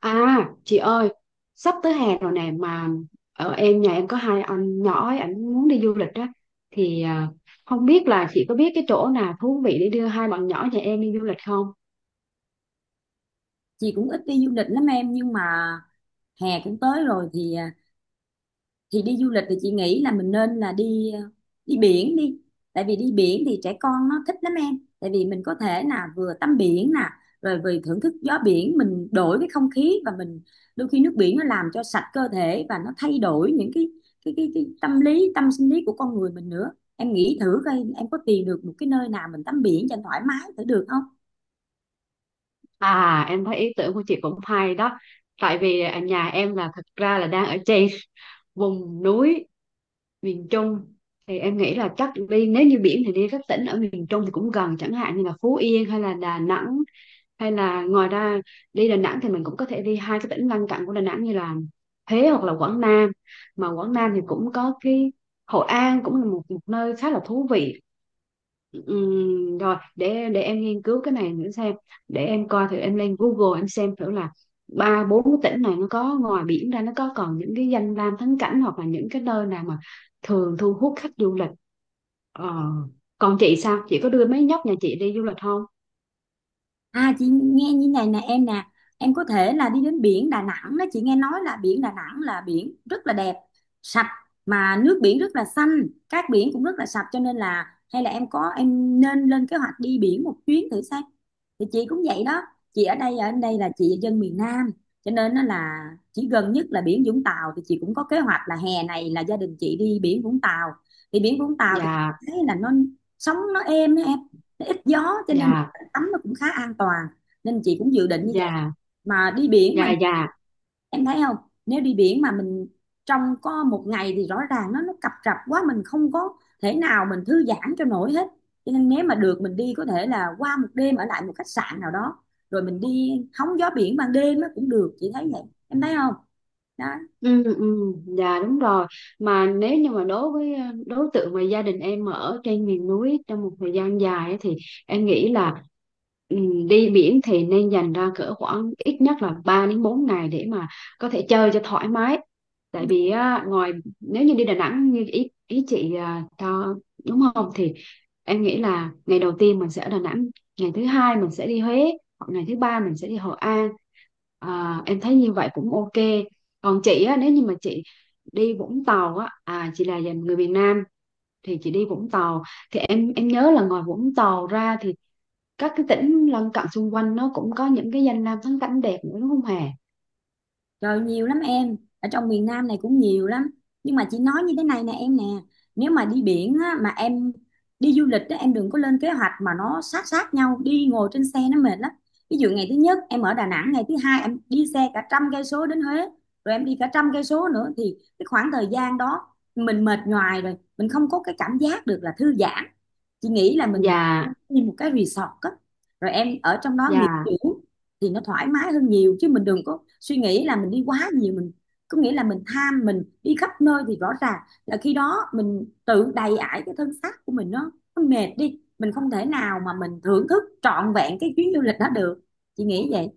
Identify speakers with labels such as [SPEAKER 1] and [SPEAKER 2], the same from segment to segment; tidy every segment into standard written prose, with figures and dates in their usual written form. [SPEAKER 1] À chị ơi, sắp tới hè rồi nè mà ở em nhà em có hai anh nhỏ ấy, ảnh muốn đi du lịch á. Thì không biết là chị có biết cái chỗ nào thú vị để đưa hai bạn nhỏ nhà em đi du lịch không?
[SPEAKER 2] Chị cũng ít đi du lịch lắm em, nhưng mà hè cũng tới rồi thì thì đi du lịch thì chị nghĩ là mình nên là đi biển đi. Tại vì đi biển thì trẻ con nó thích lắm em, tại vì mình có thể là vừa tắm biển nè, rồi vừa thưởng thức gió biển, mình đổi cái không khí, và mình đôi khi nước biển nó làm cho sạch cơ thể và nó thay đổi những cái tâm lý tâm sinh lý của con người mình nữa. Em nghĩ thử coi em có tìm được một cái nơi nào mình tắm biển cho thoải mái thử được không?
[SPEAKER 1] À, em thấy ý tưởng của chị cũng hay đó. Tại vì ở nhà em là thật ra là đang ở trên vùng núi miền Trung, thì em nghĩ là chắc đi, nếu như biển thì đi các tỉnh ở miền Trung thì cũng gần, chẳng hạn như là Phú Yên hay là Đà Nẵng, hay là ngoài ra đi Đà Nẵng thì mình cũng có thể đi hai cái tỉnh lân cận của Đà Nẵng như là Huế hoặc là Quảng Nam. Mà Quảng Nam thì cũng có cái Hội An cũng là một nơi khá là thú vị. Rồi để em nghiên cứu cái này nữa xem, để em coi thử em lên Google em xem thử là ba bốn cái tỉnh này nó có ngoài biển ra nó có còn những cái danh lam thắng cảnh hoặc là những cái nơi nào mà thường thu hút khách du lịch. ờ. Còn chị sao, chị có đưa mấy nhóc nhà chị đi du lịch không?
[SPEAKER 2] À, chị nghe như này nè em nè. Em có thể là đi đến biển Đà Nẵng đó. Chị nghe nói là biển Đà Nẵng là biển rất là đẹp. Sạch, mà nước biển rất là xanh, cát biển cũng rất là sạch, cho nên là hay là em có em nên lên kế hoạch đi biển một chuyến thử xem. Thì chị cũng vậy đó. Chị ở đây là chị dân miền Nam, cho nên nó là chỉ gần nhất là biển Vũng Tàu. Thì chị cũng có kế hoạch là hè này là gia đình chị đi biển Vũng Tàu. Thì biển Vũng Tàu thì
[SPEAKER 1] Dạ.
[SPEAKER 2] thấy là nó sóng nó êm á em, nó ít gió cho nên
[SPEAKER 1] Dạ.
[SPEAKER 2] tắm nó cũng khá an toàn, nên chị cũng dự định như vậy.
[SPEAKER 1] Dạ.
[SPEAKER 2] Mà đi biển mà,
[SPEAKER 1] Dạ. Dạ.
[SPEAKER 2] em thấy không, nếu đi biển mà mình trong có một ngày thì rõ ràng nó cập rập quá, mình không có thể nào mình thư giãn cho nổi hết, cho nên nếu mà được mình đi có thể là qua một đêm ở lại một khách sạn nào đó, rồi mình đi hóng gió biển ban đêm nó cũng được, chị thấy vậy. Em thấy không? Đó.
[SPEAKER 1] Ừ, ừ, dạ đúng rồi. Mà nếu như mà đối với đối tượng mà gia đình em ở trên miền núi trong một thời gian dài ấy, thì em nghĩ là ừ, đi biển thì nên dành ra cỡ khoảng ít nhất là 3 đến 4 ngày để mà có thể chơi cho thoải mái. Tại vì á, ngoài nếu như đi Đà Nẵng như ý ý chị cho đúng không thì em nghĩ là ngày đầu tiên mình sẽ ở Đà Nẵng, ngày thứ hai mình sẽ đi Huế, hoặc ngày thứ ba mình sẽ đi Hội An. À, em thấy như vậy cũng ok. Còn chị á, nếu như mà chị đi Vũng Tàu á, chị là dành người miền Nam, thì chị đi Vũng Tàu thì em nhớ là ngoài Vũng Tàu ra thì các cái tỉnh lân cận xung quanh nó cũng có những cái danh lam thắng cảnh đẹp nữa, đúng không Hà?
[SPEAKER 2] Trời nhiều lắm em, ở trong miền Nam này cũng nhiều lắm. Nhưng mà chị nói như thế này nè em nè, nếu mà đi biển á, mà em đi du lịch á, em đừng có lên kế hoạch mà nó sát sát nhau, đi ngồi trên xe nó mệt lắm. Ví dụ ngày thứ nhất em ở Đà Nẵng, ngày thứ hai em đi xe cả trăm cây số đến Huế, rồi em đi cả trăm cây số nữa thì cái khoảng thời gian đó mình mệt nhoài rồi, mình không có cái cảm giác được là thư giãn. Chị nghĩ là mình nên
[SPEAKER 1] Dạ.
[SPEAKER 2] đi một cái resort á, rồi em ở trong đó nghỉ
[SPEAKER 1] Dạ.
[SPEAKER 2] dưỡng thì nó thoải mái hơn nhiều, chứ mình đừng có suy nghĩ là mình đi quá nhiều, mình có nghĩa là mình tham mình đi khắp nơi thì rõ ràng là khi đó mình tự đầy ải cái thân xác của mình, nó mệt đi mình không thể nào mà mình thưởng thức trọn vẹn cái chuyến du lịch đó được. Chị nghĩ vậy.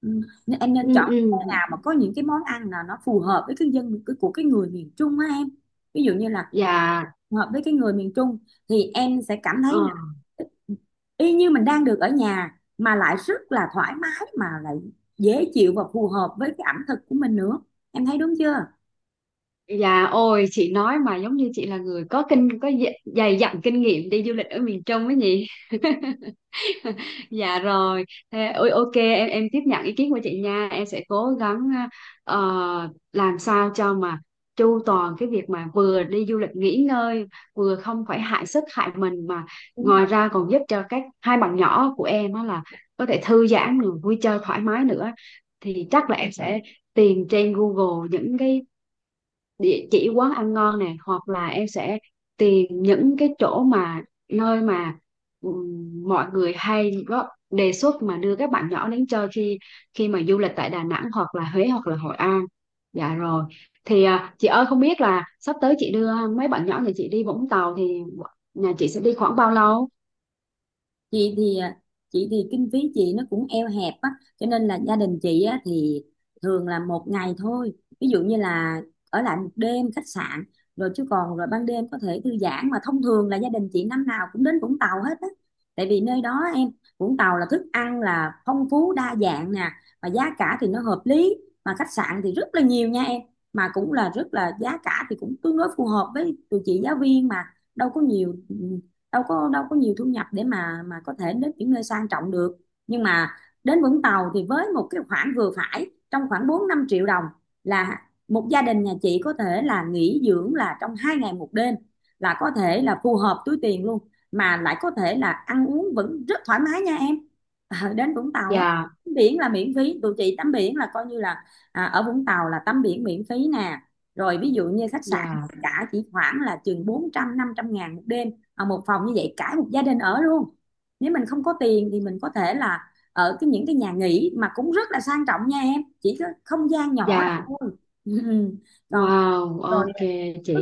[SPEAKER 2] Ừ. Nên em
[SPEAKER 1] Ừ.
[SPEAKER 2] nên chọn
[SPEAKER 1] Ừ.
[SPEAKER 2] nào mà có những cái món ăn là nó phù hợp với của cái người miền Trung á em. Ví dụ như là
[SPEAKER 1] Dạ.
[SPEAKER 2] hợp với cái người miền Trung thì em sẽ cảm
[SPEAKER 1] Ờ.
[SPEAKER 2] thấy là y như mình đang được ở nhà mà lại rất là thoải mái mà lại dễ chịu và phù hợp với cái ẩm thực của mình nữa. Em thấy đúng chưa?
[SPEAKER 1] Dạ, ôi chị nói mà giống như chị là người có kinh có dày dày dặn kinh nghiệm đi du lịch ở miền Trung ấy nhỉ. Dạ rồi. Thế, ôi, ok, em tiếp nhận ý kiến của chị nha, em sẽ cố gắng ờ, làm sao cho mà chu toàn cái việc mà vừa đi du lịch nghỉ ngơi, vừa không phải hại sức hại mình, mà ngoài ra còn giúp cho các hai bạn nhỏ của em á là có thể thư giãn rồi vui chơi thoải mái nữa. Thì chắc là em sẽ tìm trên Google những cái địa chỉ quán ăn ngon nè, hoặc là em sẽ tìm những cái chỗ mà nơi mà mọi người hay góp đề xuất mà đưa các bạn nhỏ đến chơi khi khi mà du lịch tại Đà Nẵng hoặc là Huế hoặc là Hội An. Dạ rồi. Thì chị ơi, không biết là sắp tới chị đưa mấy bạn nhỏ nhà chị đi Vũng Tàu thì nhà chị sẽ đi khoảng bao lâu?
[SPEAKER 2] Chị thì chị thì kinh phí chị nó cũng eo hẹp á, cho nên là gia đình chị á thì thường là một ngày thôi. Ví dụ như là ở lại một đêm khách sạn rồi, chứ còn rồi ban đêm có thể thư giãn, mà thông thường là gia đình chị năm nào cũng đến Vũng Tàu hết á. Tại vì nơi đó em, Vũng Tàu là thức ăn là phong phú đa dạng nè, và giá cả thì nó hợp lý, mà khách sạn thì rất là nhiều nha em, mà cũng là rất là, giá cả thì cũng tương đối phù hợp với tụi chị giáo viên mà, đâu có nhiều, đâu có nhiều thu nhập để mà có thể đến những nơi sang trọng được. Nhưng mà đến Vũng Tàu thì với một cái khoản vừa phải trong khoảng 4-5 triệu đồng là một gia đình nhà chị có thể là nghỉ dưỡng là trong 2 ngày 1 đêm, là có thể là phù hợp túi tiền luôn, mà lại có thể là ăn uống vẫn rất thoải mái nha em. Ờ, đến Vũng Tàu á,
[SPEAKER 1] Dạ.
[SPEAKER 2] tắm biển là miễn phí, tụi chị tắm biển là coi như là ở Vũng Tàu là tắm biển miễn phí nè. Rồi ví dụ như khách sạn
[SPEAKER 1] Dạ.
[SPEAKER 2] cả chỉ khoảng là chừng 400-500 ngàn một đêm. Ờ, một phòng như vậy cả một gia đình ở luôn. Nếu mình không có tiền thì mình có thể là ở cái những cái nhà nghỉ mà cũng rất là sang trọng nha em, chỉ có không gian nhỏ là
[SPEAKER 1] Dạ.
[SPEAKER 2] thôi. Ừ. Còn
[SPEAKER 1] Wow,
[SPEAKER 2] rồi
[SPEAKER 1] ok. Chị.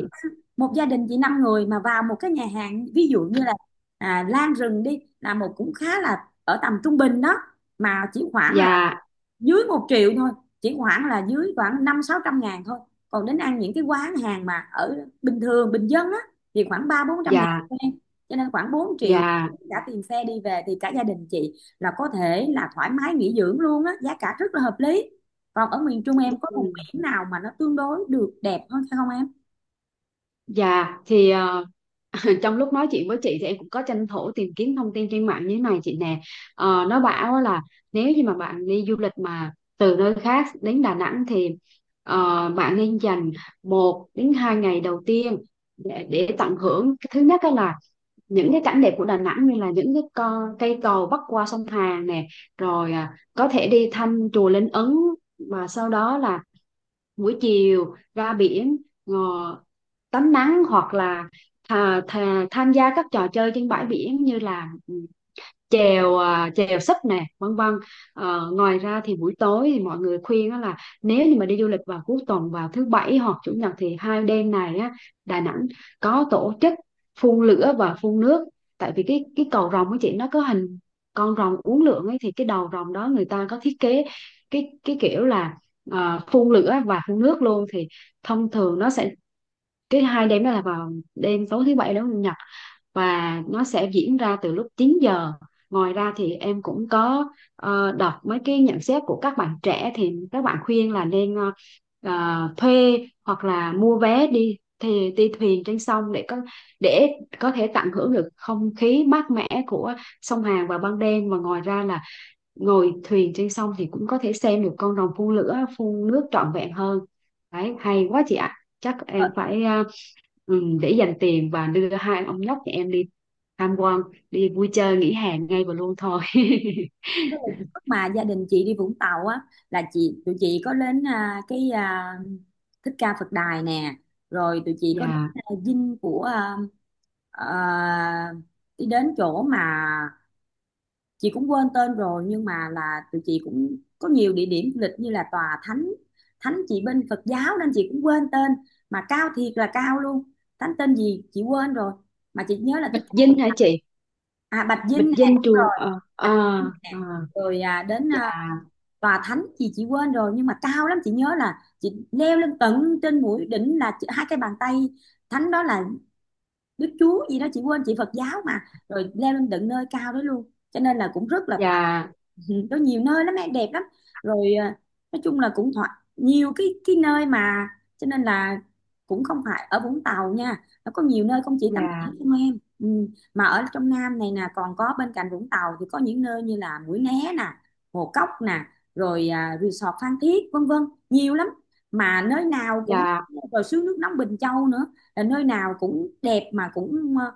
[SPEAKER 2] một gia đình chỉ 5 người mà vào một cái nhà hàng ví dụ như là Lan Rừng đi là một cũng khá là ở tầm trung bình đó, mà chỉ khoảng là
[SPEAKER 1] Dạ.
[SPEAKER 2] dưới 1 triệu thôi, chỉ khoảng là dưới khoảng 500-600 ngàn thôi. Còn đến ăn những cái quán hàng mà ở bình thường bình dân á thì khoảng 300-400 ngàn
[SPEAKER 1] Dạ.
[SPEAKER 2] thôi em. Cho nên khoảng 4 triệu
[SPEAKER 1] Dạ.
[SPEAKER 2] cả tiền xe đi về thì cả gia đình chị là có thể là thoải mái nghỉ dưỡng luôn á, giá cả rất là hợp lý. Còn ở miền Trung em có vùng
[SPEAKER 1] Ừ.
[SPEAKER 2] biển nào mà nó tương đối được đẹp hơn phải không em?
[SPEAKER 1] Dạ. Thì trong lúc nói chuyện với chị thì em cũng có tranh thủ tìm kiếm thông tin trên mạng như thế này chị nè. Nó bảo là nếu như mà bạn đi du lịch mà từ nơi khác đến Đà Nẵng thì bạn nên dành 1 đến 2 ngày đầu tiên để tận hưởng cái thứ nhất đó là những cái cảnh đẹp của Đà Nẵng như là những cái cây cầu bắc qua sông Hàn nè, rồi có thể đi thăm chùa Linh Ứng, và sau đó là buổi chiều ra biển, ờ, tắm nắng hoặc là thà, thà, tham gia các trò chơi trên bãi biển như là chèo sấp nè, vân vân. Ờ, ngoài ra thì buổi tối thì mọi người khuyên á là nếu như mà đi du lịch vào cuối tuần vào thứ bảy hoặc chủ nhật thì hai đêm này á Đà Nẵng có tổ chức phun lửa và phun nước. Tại vì cái cầu rồng của chị nó có hình con rồng uốn lượn ấy, thì cái đầu rồng đó người ta có thiết kế cái kiểu là phun lửa và phun nước luôn, thì thông thường nó sẽ cái hai đêm đó là vào đêm tối thứ bảy đến chủ nhật, và nó sẽ diễn ra từ lúc 9 giờ. Ngoài ra thì em cũng có đọc mấy cái nhận xét của các bạn trẻ, thì các bạn khuyên là nên thuê hoặc là mua vé đi thì đi thuyền trên sông để có thể tận hưởng được không khí mát mẻ của sông Hàn vào ban đêm, và ngoài ra là ngồi thuyền trên sông thì cũng có thể xem được con rồng phun lửa phun nước trọn vẹn hơn. Đấy hay quá chị ạ. Chắc
[SPEAKER 2] Ờ,
[SPEAKER 1] em phải để dành tiền và đưa hai ông nhóc nhà em đi tham quan đi vui chơi nghỉ hè ngay và luôn thôi.
[SPEAKER 2] lúc mà gia đình chị đi Vũng Tàu á là tụi chị có đến Thích Ca Phật Đài nè, rồi tụi chị có đến
[SPEAKER 1] Dạ.
[SPEAKER 2] dinh của, Ờ, đi đến chỗ mà chị cũng quên tên rồi, nhưng mà là tụi chị cũng có nhiều địa điểm du lịch như là tòa thánh, thánh chị bên Phật giáo nên chị cũng quên tên, mà cao thiệt là cao luôn. Thánh tên gì chị quên rồi mà chị nhớ là thích
[SPEAKER 1] Bạch
[SPEAKER 2] cao
[SPEAKER 1] Dinh hả
[SPEAKER 2] Phật.
[SPEAKER 1] chị?
[SPEAKER 2] À, Bạch Dinh
[SPEAKER 1] Bạch
[SPEAKER 2] nè,
[SPEAKER 1] Dinh
[SPEAKER 2] đúng rồi.
[SPEAKER 1] trường ờ
[SPEAKER 2] Bạch
[SPEAKER 1] ờ
[SPEAKER 2] Dinh
[SPEAKER 1] ờ
[SPEAKER 2] nè. Rồi đến
[SPEAKER 1] Dạ.
[SPEAKER 2] tòa thánh gì chị quên rồi, nhưng mà cao lắm, chị nhớ là chị leo lên tận trên mũi đỉnh là hai cái bàn tay thánh đó là Đức Chúa gì đó chị quên, chị Phật giáo mà. Rồi leo lên tận nơi cao đó luôn cho nên là cũng rất là thoải.
[SPEAKER 1] Dạ.
[SPEAKER 2] Ừ, có nhiều nơi lắm em, đẹp lắm. Rồi nói chung là cũng thoải, nhiều cái nơi mà cho nên là cũng không phải ở Vũng Tàu nha, nó có nhiều nơi không chỉ tắm
[SPEAKER 1] Dạ.
[SPEAKER 2] biển không em. Ừ. Mà ở trong Nam này nè còn có, bên cạnh Vũng Tàu thì có những nơi như là Mũi Né nè, Hồ Cốc nè, rồi resort Phan Thiết vân vân, nhiều lắm mà nơi nào cũng,
[SPEAKER 1] Dạ.
[SPEAKER 2] rồi suối nước nóng Bình Châu nữa, nơi nào cũng đẹp mà cũng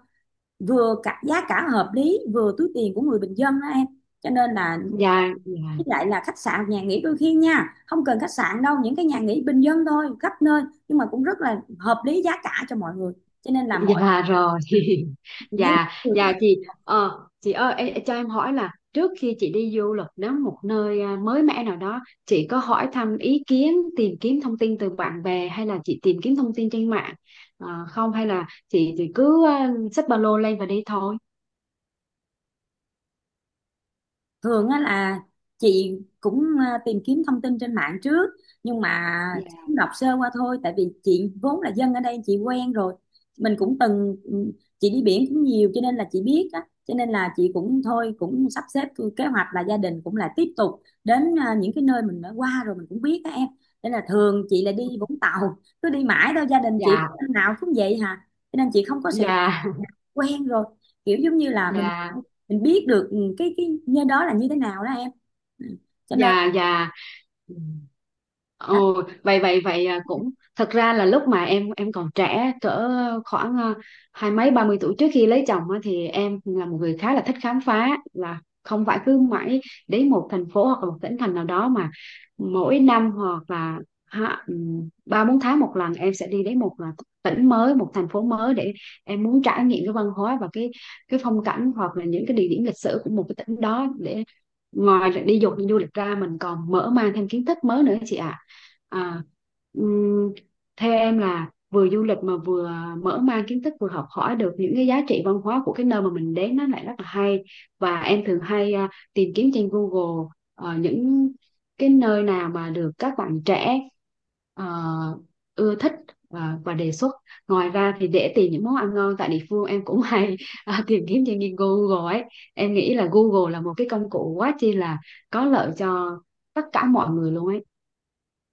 [SPEAKER 2] vừa cả giá cả hợp lý vừa túi tiền của người bình dân đó em. Cho nên là,
[SPEAKER 1] Dạ. Dạ.
[SPEAKER 2] với lại là khách sạn nhà nghỉ đôi khi nha không cần khách sạn đâu, những cái nhà nghỉ bình dân thôi khắp nơi nhưng mà cũng rất là hợp lý giá cả cho mọi người, cho nên là mọi,
[SPEAKER 1] Dạ rồi.
[SPEAKER 2] chị thấy
[SPEAKER 1] Dạ.
[SPEAKER 2] được
[SPEAKER 1] Dạ
[SPEAKER 2] lắm.
[SPEAKER 1] chị. ờ chị ơi, ê, cho em hỏi là trước khi chị đi du lịch đến một nơi mới mẻ nào đó, chị có hỏi thăm ý kiến tìm kiếm thông tin từ bạn bè hay là chị tìm kiếm thông tin trên mạng? Ờ, không, hay là chị thì cứ xách ba lô lên và đi thôi?
[SPEAKER 2] Thường á là chị cũng tìm kiếm thông tin trên mạng trước, nhưng mà
[SPEAKER 1] Dạ.
[SPEAKER 2] cũng đọc sơ qua thôi, tại vì chị vốn là dân ở đây, chị quen rồi. Mình cũng từng chị đi biển cũng nhiều cho nên là chị biết á, cho nên là chị cũng thôi cũng sắp xếp kế hoạch là gia đình cũng là tiếp tục đến những cái nơi mình đã qua rồi mình cũng biết á em, nên là thường chị là đi Vũng Tàu cứ đi mãi đâu, gia đình chị
[SPEAKER 1] Dạ.
[SPEAKER 2] năm nào cũng vậy hả, cho nên chị không có sự,
[SPEAKER 1] Dạ.
[SPEAKER 2] quen rồi, kiểu giống như là
[SPEAKER 1] Dạ.
[SPEAKER 2] mình biết được cái nơi đó là như thế nào đó em. Ừ. Cho nên
[SPEAKER 1] Dạ. Dạ. Ừ.
[SPEAKER 2] đó.
[SPEAKER 1] Ồ, vậy, vậy, vậy, cũng thật ra là lúc mà em còn trẻ cỡ khoảng hai mấy 30 tuổi trước khi lấy chồng á, thì em là một người khá là thích khám phá, là không phải cứ mãi đến một thành phố hoặc là một tỉnh thành nào đó, mà mỗi năm hoặc là 3 4 tháng một lần em sẽ đi đến một là tỉnh mới một thành phố mới để em muốn trải nghiệm cái văn hóa và cái phong cảnh hoặc là những cái địa điểm lịch sử của một cái tỉnh đó, để ngoài là đi du lịch ra mình còn mở mang thêm kiến thức mới nữa chị ạ. à. ừm, Theo em là vừa du lịch mà vừa mở mang kiến thức, vừa học hỏi được những cái giá trị văn hóa của cái nơi mà mình đến, nó lại rất là hay. Và em thường hay tìm kiếm trên Google những cái nơi nào mà được các bạn trẻ ờ, ưa thích và đề xuất. Ngoài ra thì để tìm những món ăn ngon tại địa phương em cũng hay tìm kiếm trên Google ấy. Em nghĩ là Google là một cái công cụ quá chi là có lợi cho tất cả mọi người luôn ấy.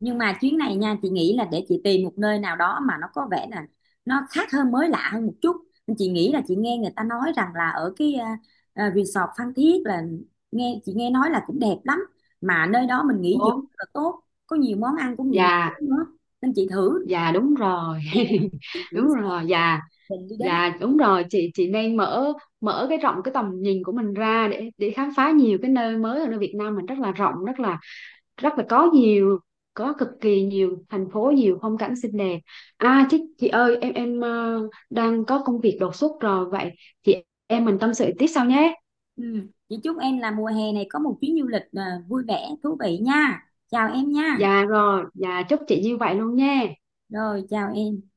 [SPEAKER 2] Nhưng mà chuyến này nha chị nghĩ là để chị tìm một nơi nào đó mà nó có vẻ là nó khác hơn mới lạ hơn một chút. Nên chị nghĩ là chị nghe người ta nói rằng là ở cái resort Phan Thiết là chị nghe nói là cũng đẹp lắm, mà nơi đó mình nghỉ dưỡng
[SPEAKER 1] Đúng.
[SPEAKER 2] rất là tốt, có nhiều món ăn của người miền
[SPEAKER 1] Dạ.
[SPEAKER 2] Trung nữa. Nên chị thử
[SPEAKER 1] Dạ. Đúng rồi.
[SPEAKER 2] nè, chị thử
[SPEAKER 1] Đúng rồi. Dạ.
[SPEAKER 2] mình đi đến.
[SPEAKER 1] Dạ. Đúng rồi chị nên mở mở cái rộng cái tầm nhìn của mình ra để khám phá nhiều cái nơi mới ở nơi Việt Nam mình, rất là rộng, rất là có nhiều, có cực kỳ nhiều thành phố nhiều phong cảnh xinh đẹp. À chị ơi, em đang có công việc đột xuất rồi, vậy chị em mình tâm sự tiếp sau nhé.
[SPEAKER 2] Ừ. Chị chúc em là mùa hè này có một chuyến du lịch vui vẻ thú vị nha, chào em nha.
[SPEAKER 1] Dạ rồi, dạ chúc chị như vậy luôn nha.
[SPEAKER 2] Rồi, chào em.